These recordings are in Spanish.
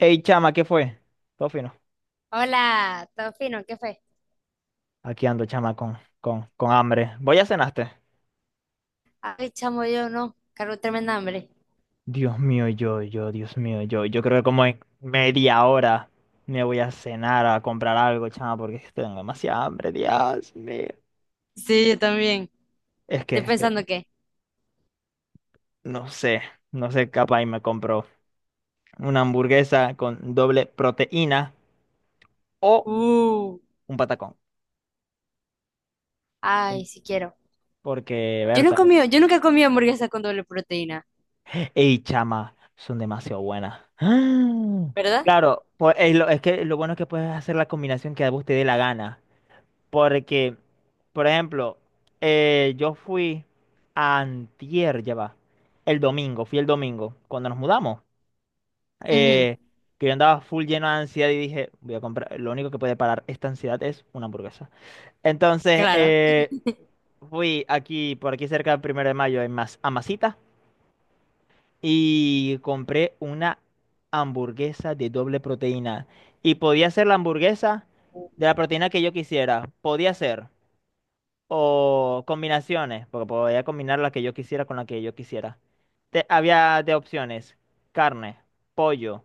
Ey, chama, ¿qué fue? Todo fino. Hola, ¿todo fino? ¿Qué fue? Aquí ando, chama, con hambre. ¿Voy a cenaste? Ay, chamo, yo no. Cargo tremenda hambre. Dios mío, Dios mío, yo. Yo creo que como en media hora me voy a cenar a comprar algo, chama, porque es que tengo demasiada hambre, Dios mío. Sí, yo también. Es que, Estoy es que, pensando que. no sé, no sé, capaz y me compro una hamburguesa con doble proteína o Uh, un patacón. Ay, si quiero. Porque, Berta, Yo nunca he comido hamburguesa con doble proteína. ey, chama, son demasiado buenas. ¡Ah! ¿Verdad? Claro, es que lo bueno es que puedes hacer la combinación que a vos te dé la gana. Porque, por ejemplo, yo fui antier, ya va, el domingo, fui el domingo, cuando nos mudamos, Ujú, eh, que yo andaba full lleno de ansiedad y dije, voy a comprar, lo único que puede parar esta ansiedad es una hamburguesa. Entonces, claro. Fui aquí, por aquí cerca del primero de mayo, en Mas, a Masita y compré una hamburguesa de doble proteína. Y podía ser la hamburguesa Uh, de la proteína que yo quisiera. Podía ser. O combinaciones, porque podía combinar la que yo quisiera con la que yo quisiera. Había de opciones. Carne, pollo,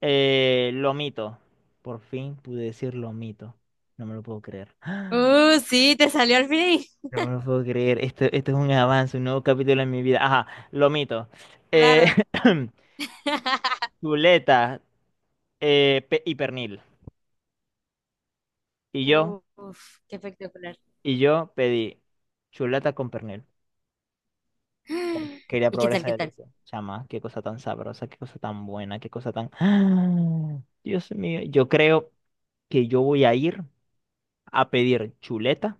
lomito. Por fin pude decir lomito. No me lo puedo creer. sí, te salió al fin. No me lo puedo creer. Esto es un avance, un nuevo capítulo en mi vida. Ajá, lomito. Eh, Claro. chuleta. Y pernil. Y yo, Uf, qué espectacular. y yo pedí chuleta con pernil. Ay, quería ¿Y qué probar tal, esa qué tal? delicia. Chama, qué cosa tan sabrosa, qué cosa tan buena, qué cosa tan... ¡Ah! Dios mío, yo creo que yo voy a ir a pedir chuleta,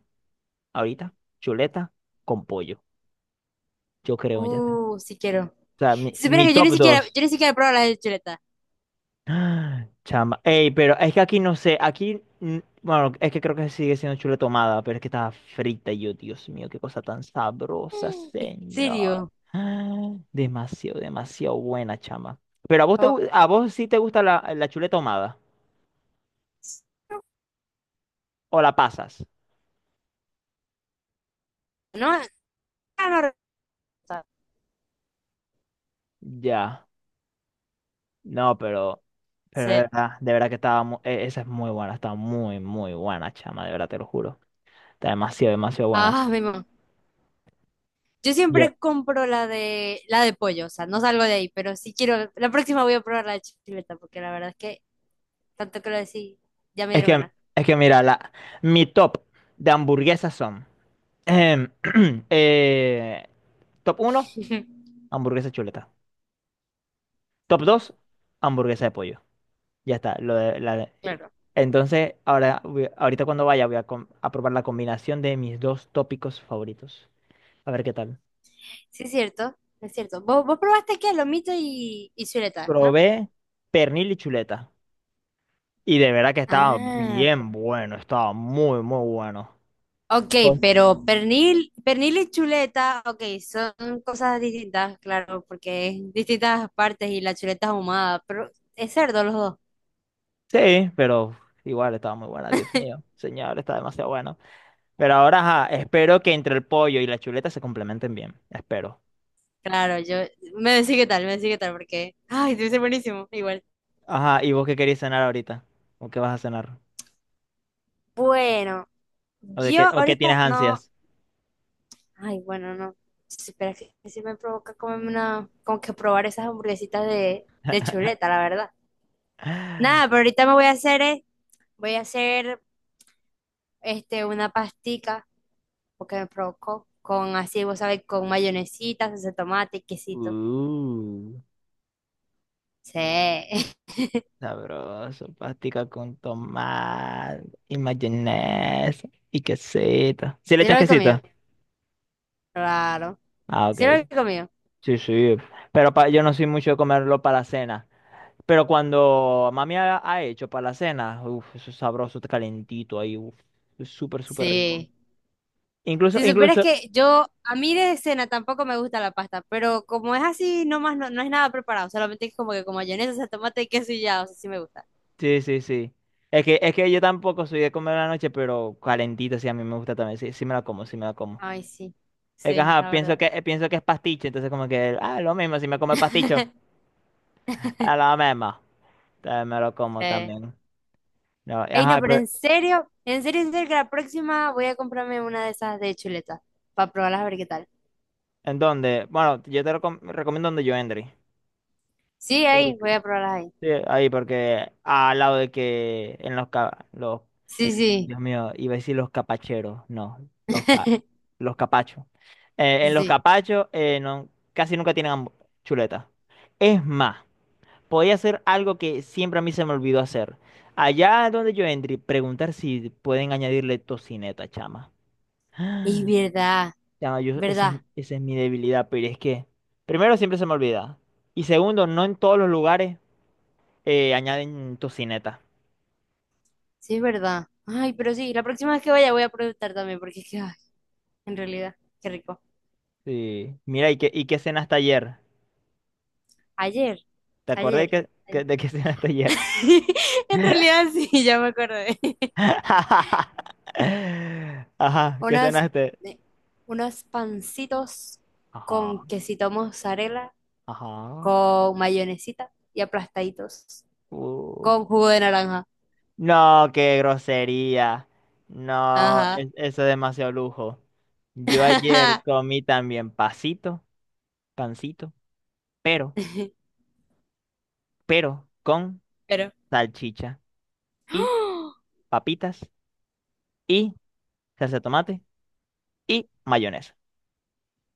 ahorita, chuleta con pollo. Yo creo, ya está. O Si quiero. sea, mi, Si supiera mi que yo ni top siquiera, dos. yo ni siquiera he probado la de chuleta. Ah, chamba. Ey, pero es que aquí no sé, aquí, bueno, es que creo que sigue siendo chule tomada, pero es que está frita y yo, Dios mío, qué cosa tan sabrosa, ¿En señor. serio? Ah, demasiado, demasiado buena, chama. Pero a vos te, Oh, a vos sí te gusta la chule tomada o la pasas. no, no, no. Ya. No, pero Sí. De verdad que estaba, esa es muy buena, está muy, muy buena, chama, de verdad te lo juro. Está demasiado, demasiado buena. Ah, mi mamá. Yo siempre compro la de pollo, o sea, no salgo de ahí, pero si quiero, la próxima voy a probar la de chuleta, porque la verdad es que tanto que lo decís, ya me Es dieron que, ganas. es que, mira, mi top de hamburguesas son. em, eh, top uno hamburguesa chuleta. Top 2 hamburguesa de pollo. Ya está. Lo de, la de- Claro. Entonces, ahora, ahorita cuando vaya, a probar la combinación de mis dos tópicos favoritos. A ver qué tal. Sí, es cierto, es cierto. Vos probaste aquí a lomito y chuleta, ¿no? Probé pernil y chuleta. Y de verdad que estaba Ah, bien bueno. Estaba muy, muy bueno. ok, Pues, pero pernil, pernil y chuleta, ok, son cosas distintas, claro, porque es distintas partes y la chuleta es ahumada, pero es cerdo los dos. sí, pero igual estaba muy buena. Dios mío, señor, está demasiado bueno. Pero ahora, ajá, espero que entre el pollo y la chuleta se complementen bien. Espero. Claro, yo me decís qué tal, me decís qué tal, porque, ay, debe ser buenísimo, igual. Ajá, ¿y vos qué querés cenar ahorita? ¿O qué vas a cenar? Bueno, ¿O de yo qué, o qué tienes ahorita no. ansias? Ay, bueno, no. Espera. Pero que sí me provoca comerme una. Como que probar esas hamburguesitas de chuleta, la verdad. Nada, pero ahorita me voy a hacer. Voy a hacer este, una pastica, porque me provocó. Con así, vos sabés, con mayonesita, salsa de tomate, quesito. Uh, Sí. Sabroso, pastica con tomate y mayonesa y quesito. ¿Sí le ¿Sí echas lo he quesito? comido? Claro. Ah, ¿Sí lo he ok. comido? Sí, sí. Pero yo no soy mucho de comerlo para la cena. Pero cuando mami ha hecho para la cena, uff, eso es sabroso, calentito ahí, uff, es súper, súper rico. Sí. Incluso, Si supieras incluso, que yo, a mí de cena tampoco me gusta la pasta, pero como es así, no más, no, no es nada preparado, solamente es como que como mayonesa, o sea, tomate y queso y ya, o sea, sí me gusta. Sí, sí, sí. Es que, yo tampoco soy de comer a la noche, pero calentita, sí, a mí me gusta también. Sí, sí me la como, sí me la como. Ay, sí, Es que, sí, ajá, la verdad. Pienso que es pasticho, entonces como que, ah, lo mismo, si me come pasticho, a la misma. También me lo como Sí. también. No, Ey, no, ajá, pero pero, en serio, en serio, en serio, que la próxima voy a comprarme una de esas de chuletas para probarlas a ver qué tal. ¿en dónde? Bueno, yo te recomiendo donde yo, Endry. Sí, ¿Por ahí, qué? voy a probarlas ahí. Sí, ahí, porque al lado de que en los, los, Sí, sí, Dios mío, iba a decir los capacheros, no, los, los capachos. En los sí. capachos no, casi nunca tienen chuleta. Es más, podía hacer algo que siempre a mí se me olvidó hacer. Allá donde yo entré, preguntar si pueden añadirle tocineta, chama. Es verdad, Chama, yo, esa es, verdad, esa es mi debilidad, pero es que, primero, siempre se me olvida. Y segundo, no en todos los lugares añaden tocineta. sí, es verdad. Ay, pero sí, la próxima vez que vaya voy a preguntar también, porque es que, ay, en realidad, qué rico. Sí. Mira, ¿y qué cenaste ayer? Ayer, Te acordé ayer, que, ayer. de que cenaste ayer. En realidad sí, ya me acordé. Ajá, ¿qué Unas, cenaste? eh, unos pancitos Ajá, con quesito mozzarella, ajá. con mayonesita y aplastaditos, Uh. con jugo de naranja. No, qué grosería. No, Ajá. Eso es demasiado lujo. Yo ayer comí también pasito, pancito, pero, pero, con Pero. salchicha y papitas y salsa de tomate y mayonesa.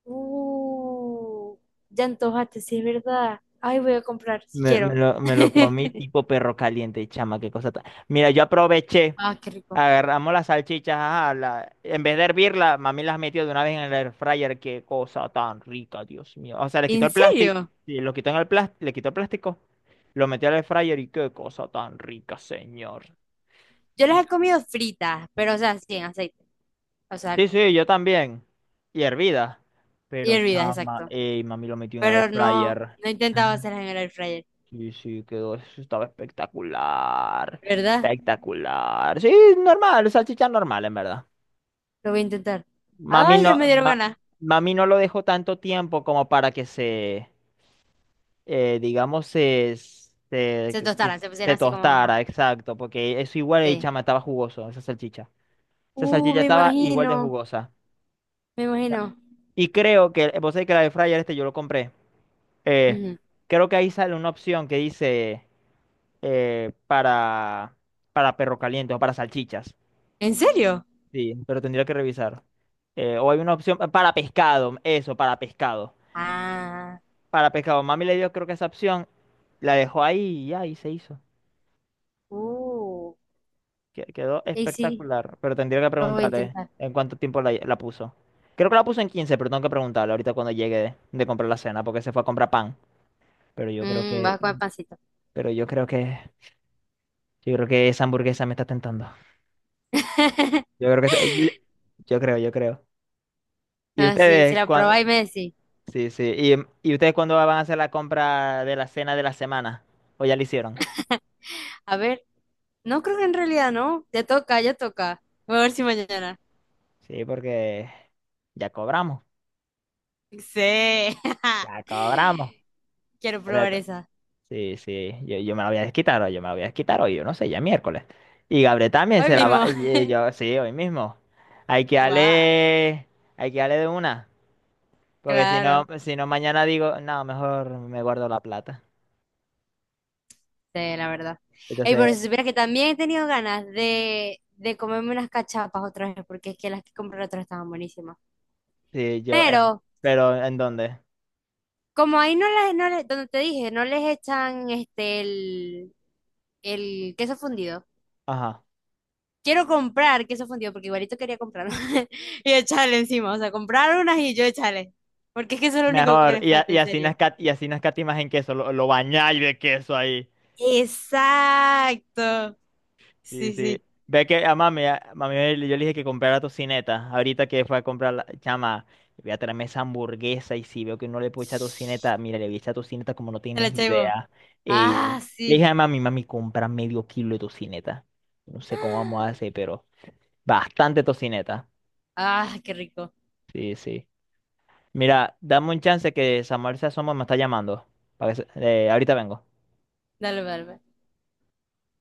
¡Oh! Ya antojaste, sí es verdad. Ay, voy a comprar, si Me, me quiero. lo, me lo comí tipo perro caliente, chama, qué cosa tan... Mira, yo aproveché. Ah, qué rico. Agarramos las salchichas, ajá, en vez de hervirla, mami las metió de una vez en el air fryer. Qué cosa tan rica, Dios mío. O sea, le quitó ¿En el plástico, serio? y lo quitó en el plástico, le quitó el plástico, lo metió al air fryer y qué cosa tan rica, señor. Yo Di- las he comido fritas, pero o sea, sin aceite. O sea, Sí, sí, yo también. Y hervida. y Pero hervidas, chama, exacto. ey, mami lo metió en el air Pero no fryer. he intentado hacerlas en el air fryer, Sí, sí, quedó, eso estaba espectacular. ¿verdad? Espectacular. Sí, normal, salchicha normal, en verdad. Lo voy a intentar. Mami Ay, no, ya me dieron ganas. mami no lo dejó tanto tiempo como para que se, digamos, se, Se que pus- tostaran, se pusieran se así como, ajá, tostara, exacto, porque eso igual el sí. chama estaba jugoso, esa salchicha. Esa Uh, salchicha me estaba igual de imagino, jugosa. me imagino. Y creo que, vos sabés que la de fryer este yo lo compré. eh, Ujú. Creo que ahí sale una opción que dice eh, para, para perro caliente o para salchichas. ¿En serio? Sí, pero tendría que revisar. O hay una opción para pescado, eso, para pescado. Ah, Para pescado, mami le dio creo que esa opción, la dejó ahí y ya, y se hizo. uh, Quedó y sí, espectacular, pero tendría que lo voy a preguntarle intentar. en cuánto tiempo la puso. Creo que la puso en 15, pero tengo que preguntarle ahorita cuando llegue de, comprar la cena, porque se fue a comprar pan. Pero yo creo Mm, que, vas a comer pancito. pero yo creo que, yo creo que esa hamburguesa me está tentando. Yo creo que, yo creo, yo creo. ¿Y Ah, sí, si ustedes la cuándo? probáis me decís. Sí, sí. ¿Y ustedes cuándo van a hacer la compra de la cena de la semana? ¿O ya la hicieron? A ver, no creo que en realidad no. Ya toca, ya toca. Voy a ver si mañana. Sí, porque ya cobramos, Sí. ya cobramos. Quiero probar Correcto. esa. Sí, sí, yo me la voy a desquitar hoy, yo me la voy a desquitar hoy, yo no sé, ya es miércoles. Y Gabriel también Hoy se la va, mismo. y yo, sí, hoy mismo. Hay que Guau, darle, hay que darle de una, porque si no, claro, si no mañana digo, no, mejor me guardo la plata. sí, la verdad. Ey, Entonces, pero si supieras que también he tenido ganas de comerme unas cachapas otra vez, porque es que las que compré la otra vez estaban buenísimas. sí, yo, Pero, pero ¿en dónde? como ahí no las, no les- donde te dije, no les echan este el queso fundido. Ajá. Quiero comprar queso fundido, porque igualito quería comprarlo. Y echarle encima, o sea, comprar unas y yo echarle. Porque es que eso es lo único que Mejor, les y, a- falta, y en así no serio. escat- y así no escatimas en queso, lo bañáis de queso ahí. Exacto. Sí, Sí, sí. sí. Ve que a mami, yo le dije que comprara tocineta. Ahorita que fue a comprar la chama, voy a traerme esa hamburguesa y si veo que no le puedo echar tocineta, mira, le voy a echar tocineta como no Te la tienes echáis vos. idea. Ey, ve. Ah, Le dije sí. a mami, mami, compra medio kilo de tocineta. No sé cómo vamos a hacer, pero bastante tocineta. Ah, qué rico. Sí, sí. Mira, dame un chance que Samuel se asoma, me está llamando. Para que ahorita vengo. Dale, dale.